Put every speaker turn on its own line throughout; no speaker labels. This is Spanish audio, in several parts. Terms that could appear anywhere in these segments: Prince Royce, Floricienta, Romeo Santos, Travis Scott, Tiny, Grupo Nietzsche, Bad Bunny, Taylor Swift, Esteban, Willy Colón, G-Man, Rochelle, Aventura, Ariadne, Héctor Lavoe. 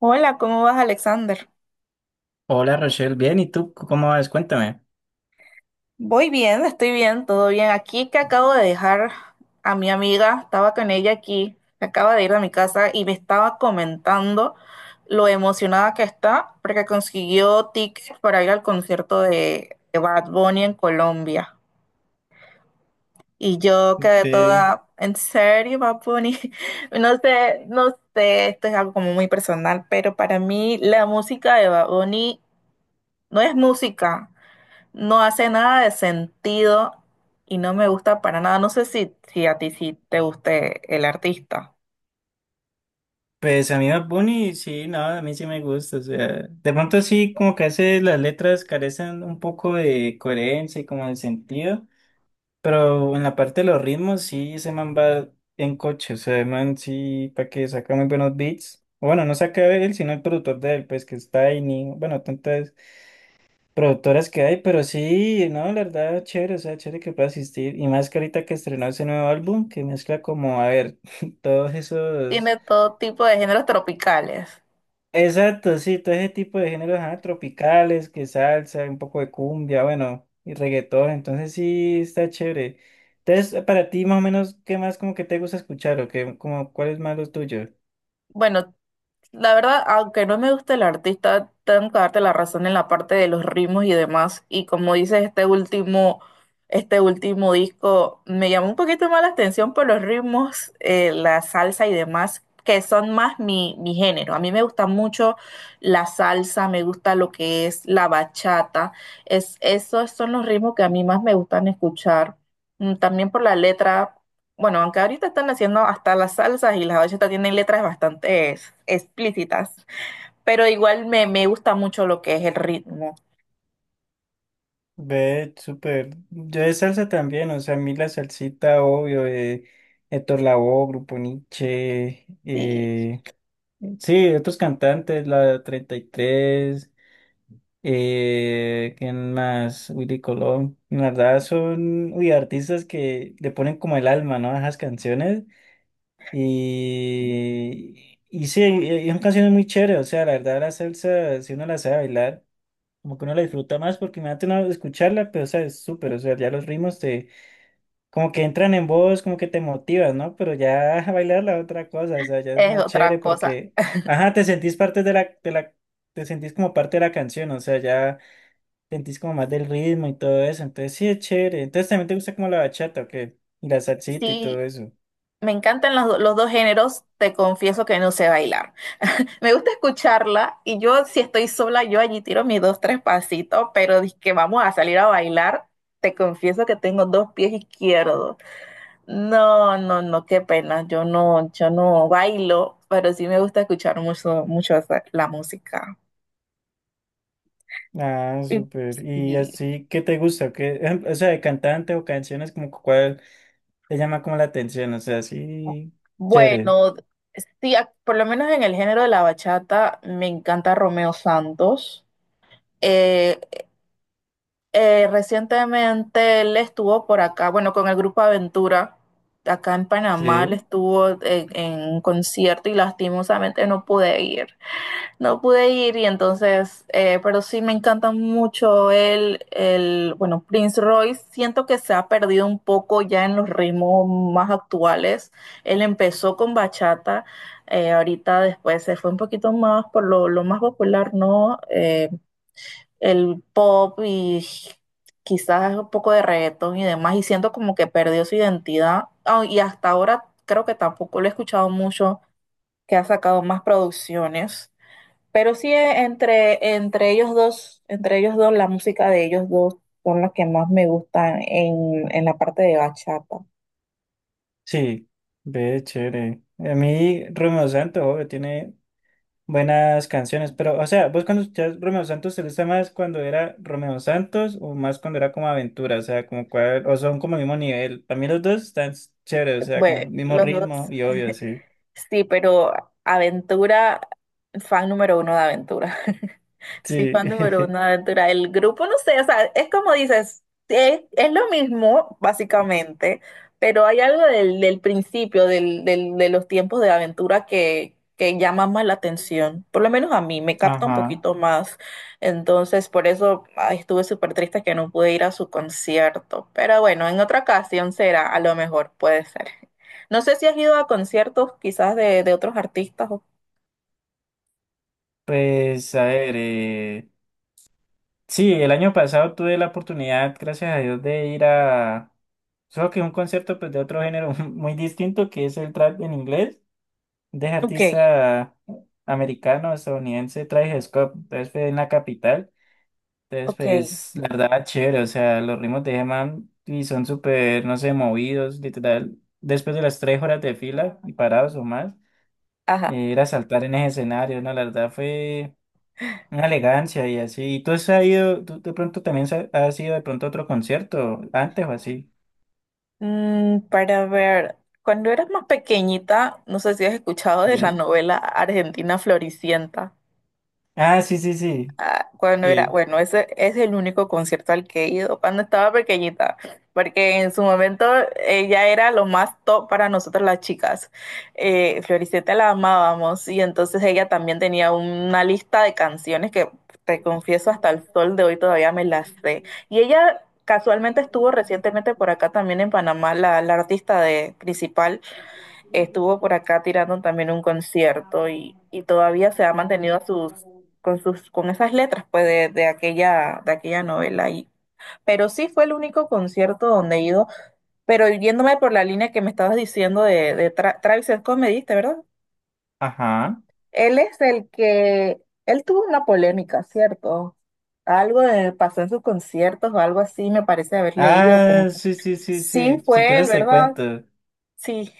Hola, ¿cómo vas, Alexander?
Hola Rochelle, bien, ¿y tú cómo vas? Cuéntame.
Voy bien, estoy bien, todo bien. Aquí que acabo de dejar a mi amiga, estaba con ella aquí, acaba de ir a mi casa y me estaba comentando lo emocionada que está porque consiguió tickets para ir al concierto de Bad Bunny en Colombia. Y yo quedé
Ve,
toda, ¿en serio, Bad Bunny? No sé, esto es algo como muy personal, pero para mí la música de Bad Bunny no es música. No hace nada de sentido y no me gusta para nada. No sé si a ti sí te guste el artista.
pues a mí Bad Bunny, sí, no, a mí sí me gusta, o sea, de pronto sí, como que a veces las letras carecen un poco de coherencia y como de sentido, pero en la parte de los ritmos sí, ese man va en coche, o sea, el man sí, para que saca muy buenos beats, o bueno, no saca él, sino el productor de él, pues que está Tiny, bueno, tanto productoras que hay, pero sí, no, la verdad, chévere, o sea, chévere que pueda asistir. Y más que ahorita que estrenó ese nuevo álbum, que mezcla como, a ver, todos esos.
Tiene todo tipo de géneros tropicales.
Exacto, sí, todo ese tipo de géneros ajá, tropicales, que salsa, un poco de cumbia, bueno, y reggaetón, entonces sí, está chévere. Entonces, para ti, más o menos, ¿qué más como que te gusta escuchar o qué, como, cuál es más lo tuyo?
Bueno, la verdad, aunque no me gusta el artista, tengo que darte la razón en la parte de los ritmos y demás. Y como dices, este último disco me llamó un poquito más la atención por los ritmos, la salsa y demás, que son más mi género. A mí me gusta mucho la salsa, me gusta lo que es la bachata. Esos son los ritmos que a mí más me gustan escuchar. También por la letra. Bueno, aunque ahorita están haciendo hasta las salsas y las bachetas tienen letras bastante explícitas, pero igual me gusta mucho lo que es el ritmo.
Ve, súper. Yo de salsa también, o sea, a mí la salsita, obvio, de Héctor Lavoe, Grupo Nietzsche,
Sí,
sí, otros cantantes, la 33 ¿quién más? Willy Colón. La verdad son, uy, artistas que le ponen como el alma, ¿no? A esas canciones. Y sí, y son canciones muy chéveres, o sea, la verdad la salsa, si uno la sabe bailar como que uno la disfruta más porque me da uno escucharla, pero o sea, es súper, o sea, ya los ritmos te, como que entran en voz, como que te motivas, ¿no? Pero ya bailarla es otra cosa, o sea, ya es
es
más
otra
chévere
cosa.
porque, ajá, te sentís parte de la, te sentís como parte de la canción, o sea, ya sentís como más del ritmo y todo eso, entonces sí es chévere, entonces también te gusta como la bachata, ¿o qué? Y la salsita y todo
Sí,
eso.
me encantan los dos géneros, te confieso que no sé bailar. Me gusta escucharla y yo si estoy sola, yo allí tiro mis dos, tres pasitos, pero que vamos a salir a bailar, te confieso que tengo dos pies izquierdos. No, no, no, qué pena. Yo no bailo, pero sí me gusta escuchar mucho, mucho la música.
Ah,
Y
súper. ¿Y
sí.
así qué te gusta? ¿Qué, o sea, de cantante o canciones, como cuál te llama como la atención? O sea, sí, chévere.
Bueno, sí, por lo menos en el género de la bachata me encanta Romeo Santos. Eh, recientemente él estuvo por acá, bueno, con el grupo Aventura, acá en Panamá, él
Sí,
estuvo en un concierto y lastimosamente no pude ir. No pude ir y entonces, pero sí me encanta mucho bueno, Prince Royce. Siento que se ha perdido un poco ya en los ritmos más actuales. Él empezó con bachata, ahorita después se fue un poquito más por lo más popular, ¿no? El pop y quizás un poco de reggaetón y demás. Y siento como que perdió su identidad. Ah, y hasta ahora creo que tampoco lo he escuchado mucho, que ha sacado más producciones. Pero sí entre ellos dos, la música de ellos dos son las que más me gustan en la parte de bachata.
sí, ve chévere. A mí Romeo Santos obvio, tiene buenas canciones, pero o sea, vos cuando escuchás Romeo Santos, ¿te gusta más cuando era Romeo Santos o más cuando era como Aventura? O sea, como cuál, o son como el mismo nivel. Para mí los dos están chéveres, o sea, como el
Bueno,
mismo
los dos.
ritmo y obvio, sí.
Sí, pero Aventura, fan número 1 de Aventura. Soy
Sí,
fan número 1 de Aventura. El grupo, no sé, o sea, es como dices, es lo mismo, básicamente, pero hay algo del principio, de los tiempos de Aventura que llama más la atención. Por lo menos a mí, me capta un
ajá.
poquito más. Entonces, por eso ay, estuve súper triste que no pude ir a su concierto. Pero bueno, en otra ocasión será, a lo mejor, puede ser. No sé si has ido a conciertos quizás de otros artistas.
Pues a ver, sí, el año pasado tuve la oportunidad, gracias a Dios, de ir a... Solo que un concierto pues, de otro género muy distinto que es el trap en inglés. De
Ok,
artista americano, estadounidense, Travis Scott. Entonces fue en la capital. Entonces,
ok,
pues, la verdad, chévere. O sea, los ritmos de G-Man y son súper, no sé, movidos, literal. Después de las 3 horas de fila y parados o más,
ajá.
ir a saltar en ese escenario, ¿no? La verdad fue una elegancia y así. ¿Y tú has ido, tú de pronto también has ido de pronto a otro concierto antes o así?
Mm, para ver, cuando eras más pequeñita, no sé si has escuchado de la
Sí.
novela Argentina Floricienta.
Ah, sí, sí, sí.
Ah, cuando era,
Sí.
bueno, ese es el único concierto al que he ido cuando estaba pequeñita, porque en su momento ella era lo más top para nosotras las chicas. Floricienta la amábamos y entonces ella también tenía una lista de canciones que te confieso hasta el sol de hoy todavía me las sé. Y ella casualmente estuvo recientemente por acá también en Panamá, la artista de, principal estuvo por acá tirando también un concierto y todavía se ha mantenido a sus, con esas letras pues de aquella novela y, pero sí fue el único concierto donde he ido, pero yéndome por la línea que me estabas diciendo de Travis Scott, me diste, ¿verdad?
Ajá.
Él es el que, él tuvo una polémica, ¿cierto? Algo pasó en sus conciertos o algo así, me parece haber leído como,
Ah, sí, sí, sí,
sí
sí. Si
fue él,
quieres te
¿verdad?
cuento.
Sí,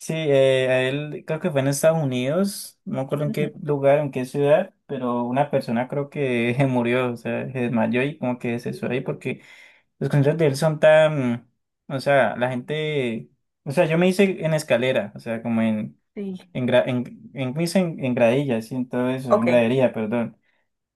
Sí, a él creo que fue en Estados Unidos, no me acuerdo en
ujú,
qué lugar, en qué ciudad, pero una persona creo que murió, o sea, se desmayó y como que se suicidó ahí porque los conciertos de él son tan, o sea, la gente, o sea, yo me hice en escalera, o sea, como
sí,
en, gra- en, me hice en gradilla, sí, en todo eso, en
ok,
gradería, perdón.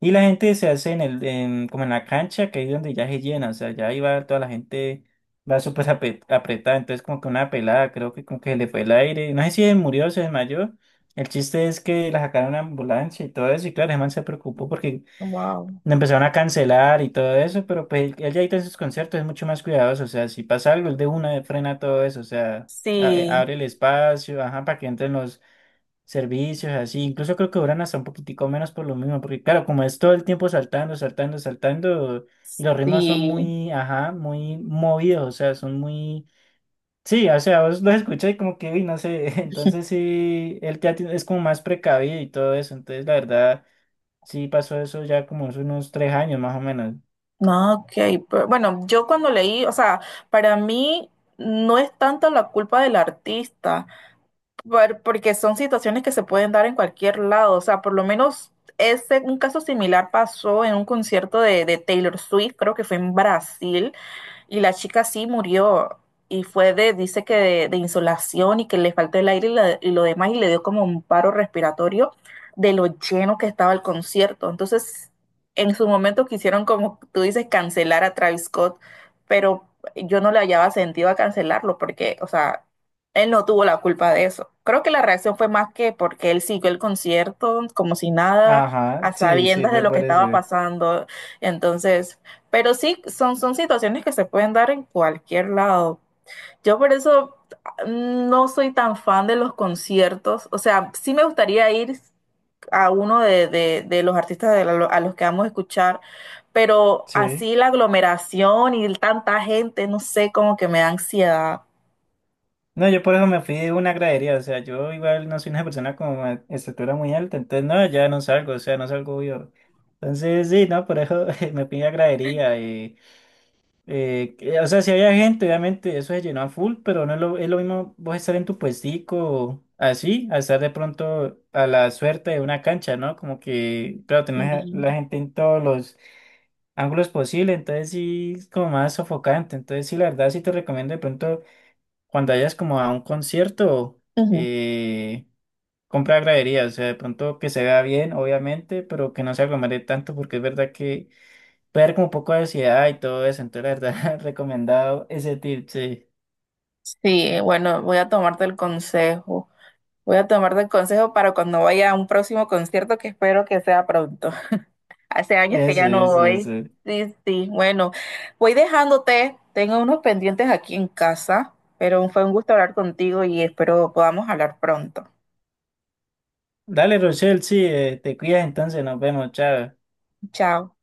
Y la gente se hace como en la cancha, que es donde ya se llena, o sea, ya iba toda la gente, va súper apretada, entonces como que una pelada, creo que como que se le fue el aire, no sé si se murió o se desmayó, el chiste es que la sacaron a ambulancia y todo eso, y claro, el man se preocupó porque
wow.
le empezaron a cancelar y todo eso, pero pues él ya ahorita en sus conciertos es mucho más cuidadoso, o sea, si pasa algo, él de una frena todo eso, o sea,
Sí,
abre el espacio, ajá, para que entren los servicios, así. Incluso creo que duran hasta un poquitico menos por lo mismo, porque claro, como es todo el tiempo saltando, saltando, saltando, y los ritmos son
sí.
muy, ajá, muy movidos, o sea, son muy... Sí, o sea, vos los escuchas y como que, uy, no sé, entonces sí, el teatro es como más precavido y todo eso, entonces la verdad, sí pasó eso ya como hace unos 3 años más o menos.
No, ok. Pero bueno, yo cuando leí, o sea, para mí no es tanto la culpa del artista, porque son situaciones que se pueden dar en cualquier lado. O sea, por lo menos ese, un caso similar pasó en un concierto de Taylor Swift, creo que fue en Brasil. Y la chica sí murió y fue dice que de insolación y que le faltó el aire y lo demás y le dio como un paro respiratorio de lo lleno que estaba el concierto. Entonces, en su momento quisieron, como tú dices, cancelar a Travis Scott, pero yo no le hallaba sentido a cancelarlo porque, o sea, él no tuvo la culpa de eso. Creo que la reacción fue más que porque él siguió el concierto como si nada,
Ajá,
a
sí, sí,
sabiendas de
fue
lo que
por eso,
estaba pasando. Entonces... Pero sí, son situaciones que se pueden dar en cualquier lado. Yo por eso no soy tan fan de los conciertos. O sea, sí me gustaría ir a uno de los artistas de a los que vamos a escuchar, pero
sí.
así la aglomeración y tanta gente, no sé, como que me da ansiedad.
No, yo por eso me fui de una gradería, o sea, yo igual no soy una persona con una estatura muy alta, entonces no, ya no salgo, o sea, no salgo yo. Entonces sí, no, por eso me fui a gradería. O sea, si había gente, obviamente eso se llenó a full, pero no es lo, es lo mismo vos estar en tu puestico así, a estar de pronto a la suerte de una cancha, ¿no? Como que, claro, tenés a
Sí,
la gente en todos los ángulos posibles, entonces sí es como más sofocante, entonces sí, la verdad sí te recomiendo de pronto cuando vayas como a un concierto,
ujú.
eh, compra gradería, o sea, de pronto que se vea bien, obviamente, pero que no se aglomere tanto, porque es verdad que puede haber como un poco de ansiedad y todo eso, entonces la verdad, recomendado ese tip, sí,
Sí, bueno, voy a tomarte el consejo. Voy a tomarte el consejo para cuando vaya a un próximo concierto que espero que sea pronto. Hace años que
eso,
ya no
eso,
voy.
eso.
Sí, sí, bueno, voy dejándote. Tengo unos pendientes aquí en casa, pero fue un gusto hablar contigo y espero podamos hablar pronto.
Dale, Rochelle, sí, te cuidas entonces, nos vemos, chao.
Chao.